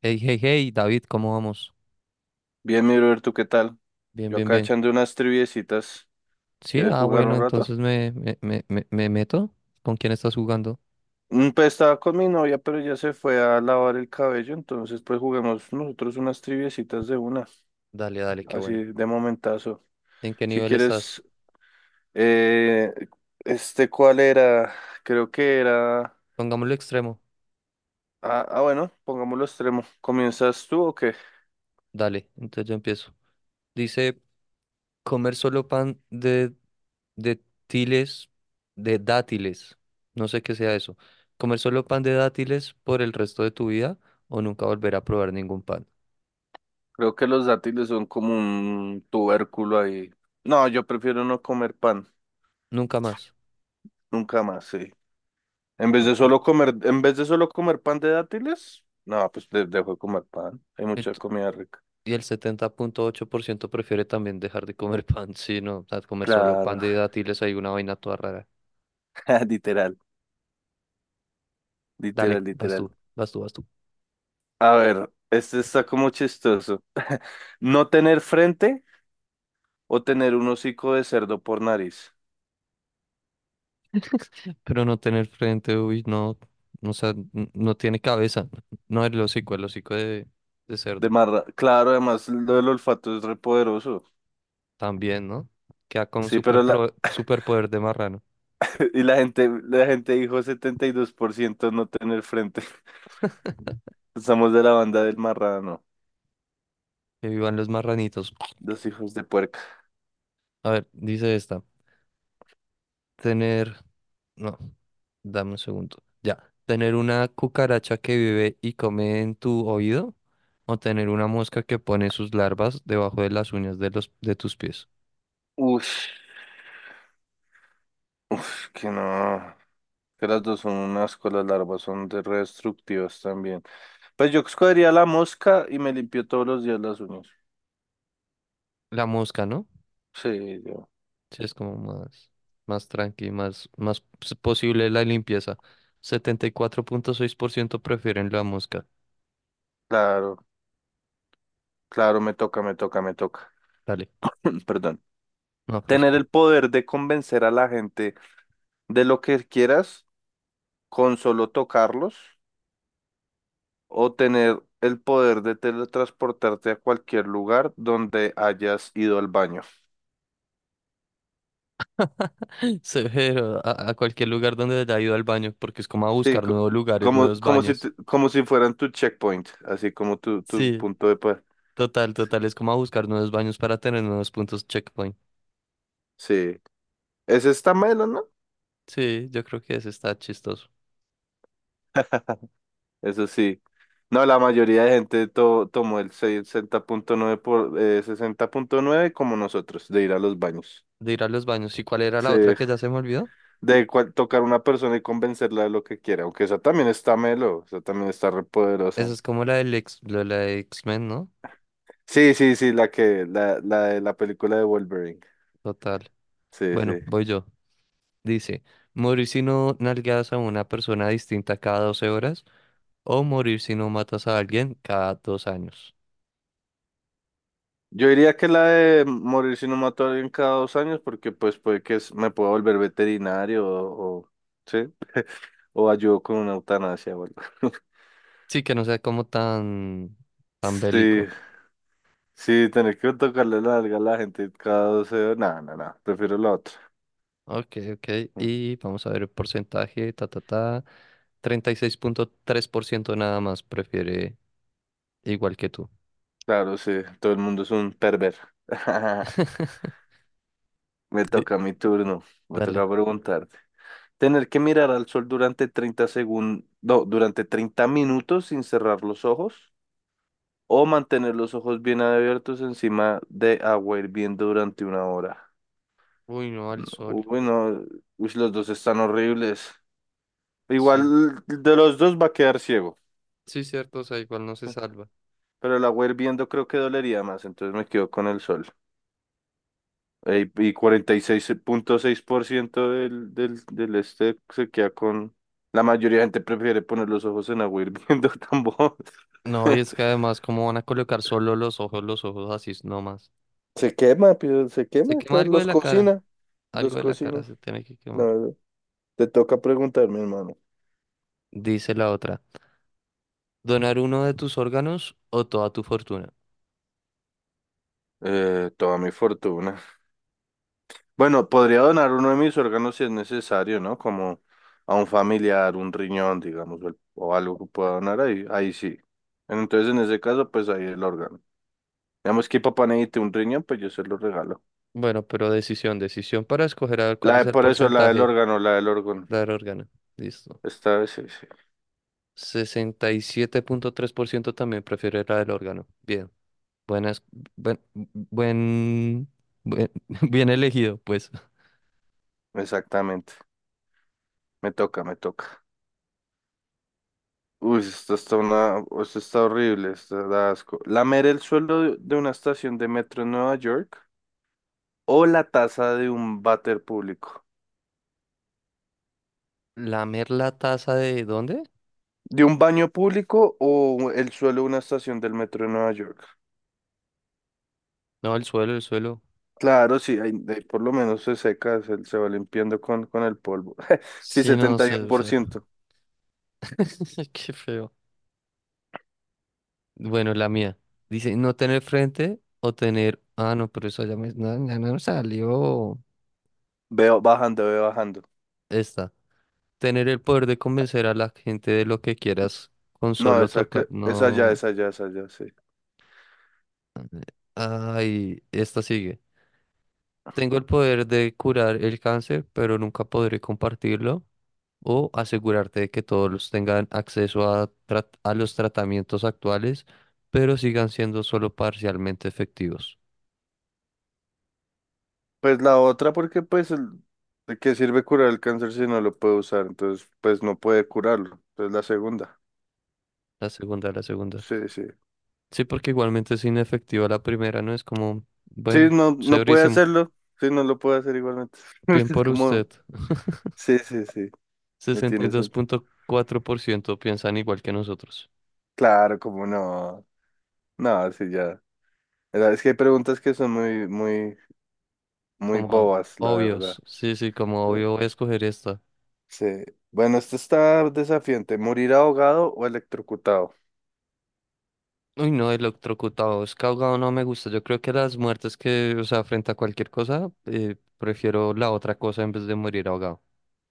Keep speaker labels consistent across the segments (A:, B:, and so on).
A: Hey, hey, hey, David, ¿cómo vamos?
B: Bien, mi brother, ¿tú qué tal?
A: Bien,
B: Yo
A: bien,
B: acá
A: bien.
B: echando unas triviecitas.
A: Sí,
B: ¿Quieres jugar
A: bueno,
B: un rato?
A: entonces me meto. ¿Con quién estás jugando?
B: Pues estaba con mi novia, pero ya se fue a lavar el cabello, entonces pues juguemos nosotros unas triviecitas de una,
A: Dale, dale, qué
B: así
A: bueno.
B: de momentazo.
A: ¿En qué
B: Si
A: nivel estás?
B: quieres, eh, ¿cuál era? Creo que era...
A: Pongámoslo extremo.
B: Ah, bueno, pongámoslo extremo. ¿Comienzas tú o qué?
A: Dale, entonces yo empiezo. Dice, comer solo pan de tiles, de dátiles. No sé qué sea eso. Comer solo pan de dátiles por el resto de tu vida o nunca volver a probar ningún pan.
B: Creo que los dátiles son como un tubérculo ahí. No, yo prefiero no comer pan,
A: Nunca más.
B: nunca más, sí. En vez de solo
A: Ok.
B: comer, en vez de solo comer pan de dátiles, no, pues dejo de comer pan. Hay mucha comida rica.
A: Y el 70,8% prefiere también dejar de comer pan, sí, no, o sea, comer solo pan
B: Claro,
A: de dátiles, hay una vaina toda rara.
B: literal, literal,
A: Dale, vas
B: literal.
A: tú, vas tú, vas tú.
B: A ver, este está como chistoso. No tener frente o tener un hocico de cerdo por nariz.
A: Pero no tener frente, uy, no, o sea, no tiene cabeza. No, el hocico de cerdo,
B: Claro, además lo del olfato es repoderoso.
A: también, ¿no? Queda con un
B: Sí, pero
A: super
B: la
A: superpoder de marrano.
B: y la gente dijo 72% no tener frente. Estamos de la banda del marrano,
A: Que vivan los marranitos.
B: los hijos de puerca.
A: A ver, dice esta. Tener, no, dame un segundo. Ya, tener una cucaracha que vive y come en tu oído o tener una mosca que pone sus larvas debajo de las uñas de los de tus pies.
B: Ush, ush, que no. Que las dos son un asco, las larvas son de re destructivas también. Pues yo escogería la mosca y me limpio todos los días las uñas.
A: La mosca, ¿no?
B: Sí,
A: Sí, es como más más tranqui, más más posible la limpieza. 74,6% prefieren la mosca.
B: claro, claro, me toca, me toca, me toca.
A: Dale,
B: Perdón.
A: no fresco.
B: Tener el poder de convencer a la gente de lo que quieras con solo tocarlos o tener el poder de teletransportarte a cualquier lugar donde hayas ido al baño.
A: Severo, a cualquier lugar donde haya ido al baño, porque es como a
B: Sí,
A: buscar nuevos lugares,
B: como,
A: nuevos
B: como si,
A: baños.
B: como si fueran tu checkpoint, así como tu
A: Sí.
B: punto de poder.
A: Total, total, es como a buscar nuevos baños para tener nuevos puntos checkpoint.
B: Sí. Ese está melo, ¿no?
A: Sí, yo creo que ese está chistoso.
B: Eso sí. No, la mayoría de gente tomó el 60.9 por 60.9 como nosotros, de ir a los baños.
A: De ir a los baños. ¿Y cuál era la
B: Sí,
A: otra que ya se me olvidó?
B: tocar a una persona y convencerla de lo que quiera, aunque esa también está melo, esa también está re
A: Esa
B: poderosa.
A: es como la del ex, la de X-Men, ¿no?
B: Sí, sí, sí, la de la película de Wolverine.
A: Total.
B: Sí,
A: Bueno,
B: sí.
A: voy yo. Dice, morir si no nalgas a una persona distinta cada 12 horas o morir si no matas a alguien cada 2 años.
B: Yo diría que la de morir si no mato a alguien cada 2 años, porque pues puede que me pueda volver veterinario o, sí, o ayudo con una eutanasia o algo.
A: Sí, que no sea como tan, tan
B: Sí,
A: bélico.
B: sí, tener que tocarle la alga a la gente cada 12 horas. No, no, no, prefiero la otra.
A: Ok, ok.
B: Mm,
A: Y vamos a ver el porcentaje, ta, ta, ta. 36,3% nada más prefiere igual que tú.
B: Claro, sí, todo el mundo es un perver. Me
A: Di-
B: toca mi turno, me
A: Dale.
B: toca preguntar. Tener que mirar al sol durante 30 segundos, no, durante 30 minutos sin cerrar los ojos o mantener los ojos bien abiertos encima de agua hirviendo durante una hora.
A: Uy, no, al
B: No,
A: sol.
B: uy, no, uy, los dos están horribles.
A: Sí,
B: Igual de los dos va a quedar ciego.
A: sí, cierto, o sea, igual no se salva.
B: Pero la agua viendo creo que dolería más, entonces me quedo con el sol. Ey, y cuarenta y seis 6.6% del, del, del este se queda con... La mayoría de gente prefiere poner los ojos en agua viendo tambor.
A: No, y es que además, ¿cómo van a colocar solo los ojos así nomás?
B: Se quema, pero se
A: Se
B: quema,
A: quema
B: claro,
A: algo de
B: los
A: la cara,
B: cocina.
A: algo
B: Los
A: de la cara
B: cocina.
A: se tiene que
B: La
A: quemar.
B: verdad. Te toca preguntarme, hermano.
A: Dice la otra, ¿donar uno de tus órganos o toda tu fortuna?
B: Toda mi fortuna. Bueno, podría donar uno de mis órganos si es necesario, ¿no? Como a un familiar, un riñón, digamos, o, o algo que pueda donar ahí sí. Entonces, en ese caso, pues ahí el órgano. Digamos que papá necesite un riñón, pues yo se lo regalo.
A: Bueno, pero decisión, decisión para escoger a ver cuál es el
B: Por eso la del
A: porcentaje.
B: órgano, la del órgano.
A: La del órgano. Listo.
B: Esta vez sí, sí.
A: 67,3% también prefiere la del órgano. Bien. Buenas. Buen. Buen. buen- Bien elegido, pues.
B: Exactamente. Me toca, me toca. Uy, esto está horrible, esto da asco. Lamer el suelo de una estación de metro en Nueva York o la taza de un váter público.
A: ¿Lamer la taza de dónde?
B: ¿De un baño público o el suelo de una estación del metro de Nueva York?
A: No, el suelo, el suelo.
B: Claro, sí, ahí por lo menos se seca, se va limpiando con el polvo. Sí,
A: Sí, no
B: setenta y
A: sé,
B: uno
A: o
B: por
A: sea.
B: ciento
A: Qué feo. Bueno, la mía. Dice, no tener frente o tener. Ah, no, pero eso ya me. No, ya no salió.
B: Veo bajando, veo bajando.
A: Esta. Tener el poder de convencer a la gente de lo que quieras con
B: No,
A: solo tocar.
B: esa ya,
A: No.
B: esa ya, esa ya, sí.
A: Ay, esta sigue. Tengo el poder de curar el cáncer, pero nunca podré compartirlo o asegurarte de que todos tengan acceso a los tratamientos actuales, pero sigan siendo solo parcialmente efectivos.
B: Pues la otra, porque pues, ¿de qué sirve curar el cáncer si no lo puede usar? Entonces, pues no puede curarlo. Entonces la segunda.
A: La segunda, la segunda.
B: Sí, sí.
A: Sí, porque igualmente es inefectiva la primera, ¿no? Es como,
B: Sí,
A: bueno,
B: no, no puede
A: severísimo.
B: hacerlo. Sí, no lo puede hacer igualmente.
A: Bien
B: Es
A: por usted.
B: como, sí, sí, sí. No
A: Sesenta y
B: tiene
A: dos
B: sentido.
A: punto cuatro por ciento piensan igual que nosotros.
B: Claro, como no. No, sí, ya. Es que hay preguntas que son muy, muy, muy
A: Como
B: bobas, la verdad.
A: obvios. Sí, sí, como
B: Sí.
A: obvio voy a escoger esta.
B: Sí. Bueno, esto está desafiante. ¿Morir ahogado o electrocutado?
A: Uy, no, electrocutado, es ahogado no me gusta. Yo creo que las muertes que, o sea, frente a cualquier cosa, prefiero la otra cosa en vez de morir ahogado.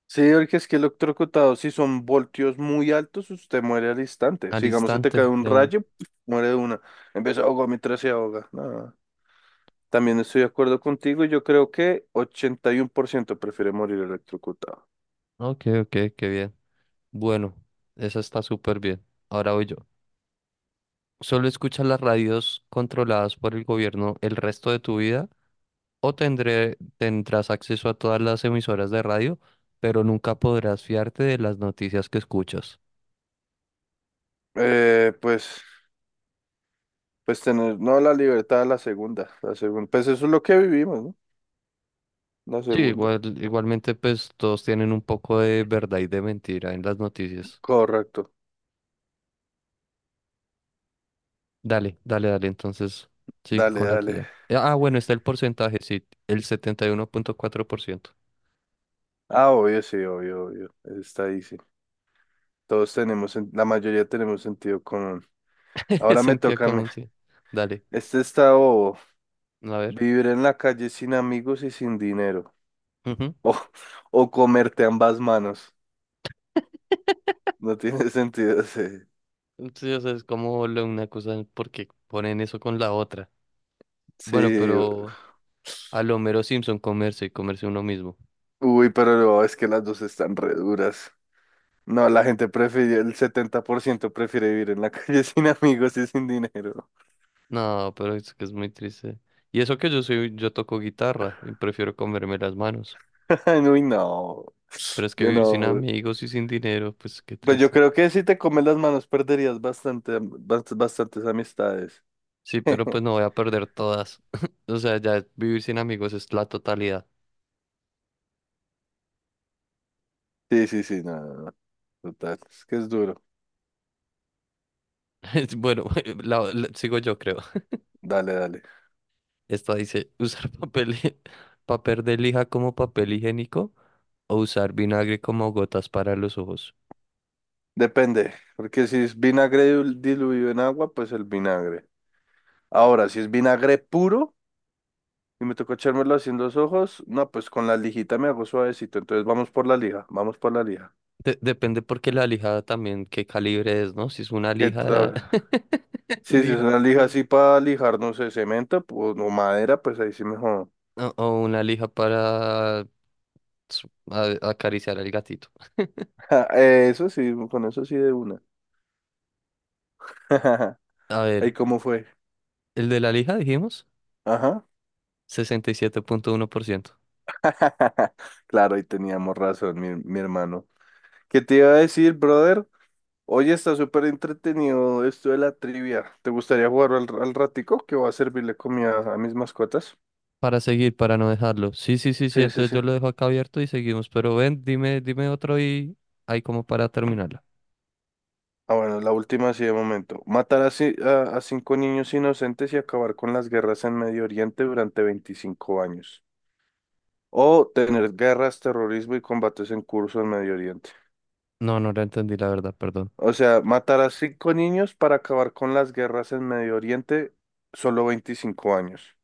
B: Sí, porque es que electrocutado, si son voltios muy altos, usted muere al instante.
A: Al
B: Si, digamos, se te cae
A: instante
B: un
A: de un.
B: rayo, muere de una. Empieza a ahogar mientras se ahoga. No. También estoy de acuerdo contigo. Yo creo que 81% prefiere morir electrocutado.
A: Ok, ok, qué bien. Bueno, esa está súper bien. Ahora voy yo. ¿Solo escuchas las radios controladas por el gobierno el resto de tu vida? ¿O tendré, tendrás acceso a todas las emisoras de radio, pero nunca podrás fiarte de las noticias que escuchas?
B: Eh, pues Pues tener, no la libertad, la segunda, la segunda. Pues eso es lo que vivimos, ¿no? La
A: Sí,
B: segunda.
A: igual, igualmente pues todos tienen un poco de verdad y de mentira en las noticias.
B: Correcto.
A: Dale, dale, dale, entonces sigue
B: Dale,
A: con la
B: dale.
A: tuya. Ah, bueno, está el porcentaje, sí, el 71,4%.
B: Ah, obvio, sí, obvio, obvio. Eso está ahí, sí. Todos tenemos, la mayoría tenemos sentido común. Ahora me
A: Sentía
B: toca a mí.
A: como sí. Dale,
B: Este está bobo.
A: a ver.
B: Vivir en la calle sin amigos y sin dinero.
A: Ujú.
B: O, o comerte ambas manos. No tiene sentido, sí.
A: Sí, o sea, es como una cosa porque ponen eso con la otra. Bueno,
B: Sí.
A: pero a lo mero Simpson comerse y comerse uno mismo.
B: Uy, pero no, es que las dos están re duras. No, la gente prefiere, el 70% prefiere vivir en la calle sin amigos y sin dinero.
A: No, pero es que es muy triste. Y eso que yo soy, yo toco guitarra y prefiero comerme las manos.
B: Uy, no,
A: Pero es que
B: yo
A: vivir sin
B: no.
A: amigos y sin dinero, pues qué
B: Pues yo
A: triste.
B: creo que si te comes las manos perderías bastantes amistades.
A: Sí, pero pues no voy a perder todas. O sea, ya vivir sin amigos es la totalidad.
B: Sí, sí, sí, no, no, no, total. Es que es duro.
A: Bueno, sigo yo creo.
B: Dale, dale.
A: Esta dice, usar papel, papel de lija como papel higiénico o usar vinagre como gotas para los ojos.
B: Depende, porque si es vinagre diluido en agua, pues el vinagre. Ahora, si es vinagre puro y me tocó echármelo así en los ojos, no, pues con la lijita me hago suavecito. Entonces vamos por la lija, vamos por la lija.
A: Depende porque la lija también qué calibre es, ¿no? Si es una
B: ¿Qué
A: lija,
B: tal? Sí, si es
A: lija.
B: una lija así para lijar, no sé, cemento pues, o madera, pues ahí sí mejor.
A: O una lija para acariciar al gatito.
B: Eso sí, con eso sí de una.
A: A
B: ¿Y
A: ver,
B: cómo fue?
A: el de la lija dijimos.
B: Ajá.
A: 67,1%.
B: Claro, ahí teníamos razón, mi hermano. ¿Qué te iba a decir, brother? Oye, está súper entretenido esto de la trivia. ¿Te gustaría jugar al ratico que va a servirle comida a mis mascotas?
A: Para seguir, para no dejarlo. Sí, sí, sí, sí.
B: Sí, sí,
A: Entonces
B: sí.
A: yo lo dejo acá abierto y seguimos. Pero ven, dime, dime otro y hay como para terminarla.
B: Ah, bueno, la última sí de momento. Matar a cinco niños inocentes y acabar con las guerras en Medio Oriente durante 25 años. O tener guerras, terrorismo y combates en curso en Medio Oriente.
A: No, no la entendí, la verdad, perdón.
B: O sea, matar a cinco niños para acabar con las guerras en Medio Oriente, solo 25 años.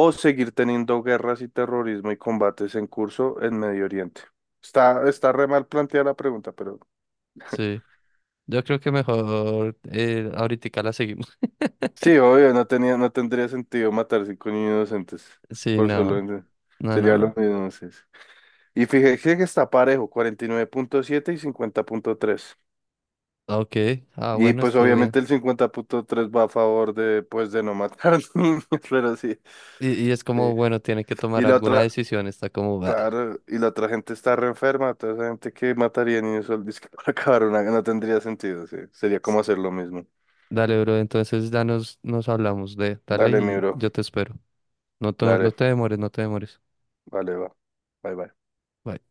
B: O seguir teniendo guerras y terrorismo y combates en curso en Medio Oriente. Está re mal planteada la pregunta, pero...
A: Sí. Yo creo que mejor ahorita la seguimos.
B: Sí, obvio, no tendría sentido matar cinco niños inocentes
A: Sí,
B: por solo
A: no.
B: en-
A: No, no,
B: sería lo
A: no.
B: mismo, sí, sí. Y fíjese que está parejo, 49.7 y 50.3. Y 50.3.
A: Ok. Ah,
B: Y
A: bueno,
B: pues
A: estuvo bien.
B: obviamente el 50.3 va a favor de, pues, de no matar niños, pero sí,
A: Y es
B: sí.
A: como, bueno, tiene que
B: Y
A: tomar
B: la
A: alguna
B: otra,
A: decisión. Está como, "Bah".
B: claro, y la otra gente está re enferma, toda esa gente que mataría niños solo dizque para acabar una, no tendría sentido, sí. Sería como hacer lo mismo.
A: Dale, bro. Entonces ya nos hablamos de, dale
B: Dale, mi
A: y
B: bro,
A: yo te espero. No, no, no
B: dale,
A: te demores, no te demores.
B: vale, va. Bye, bye.
A: Bye.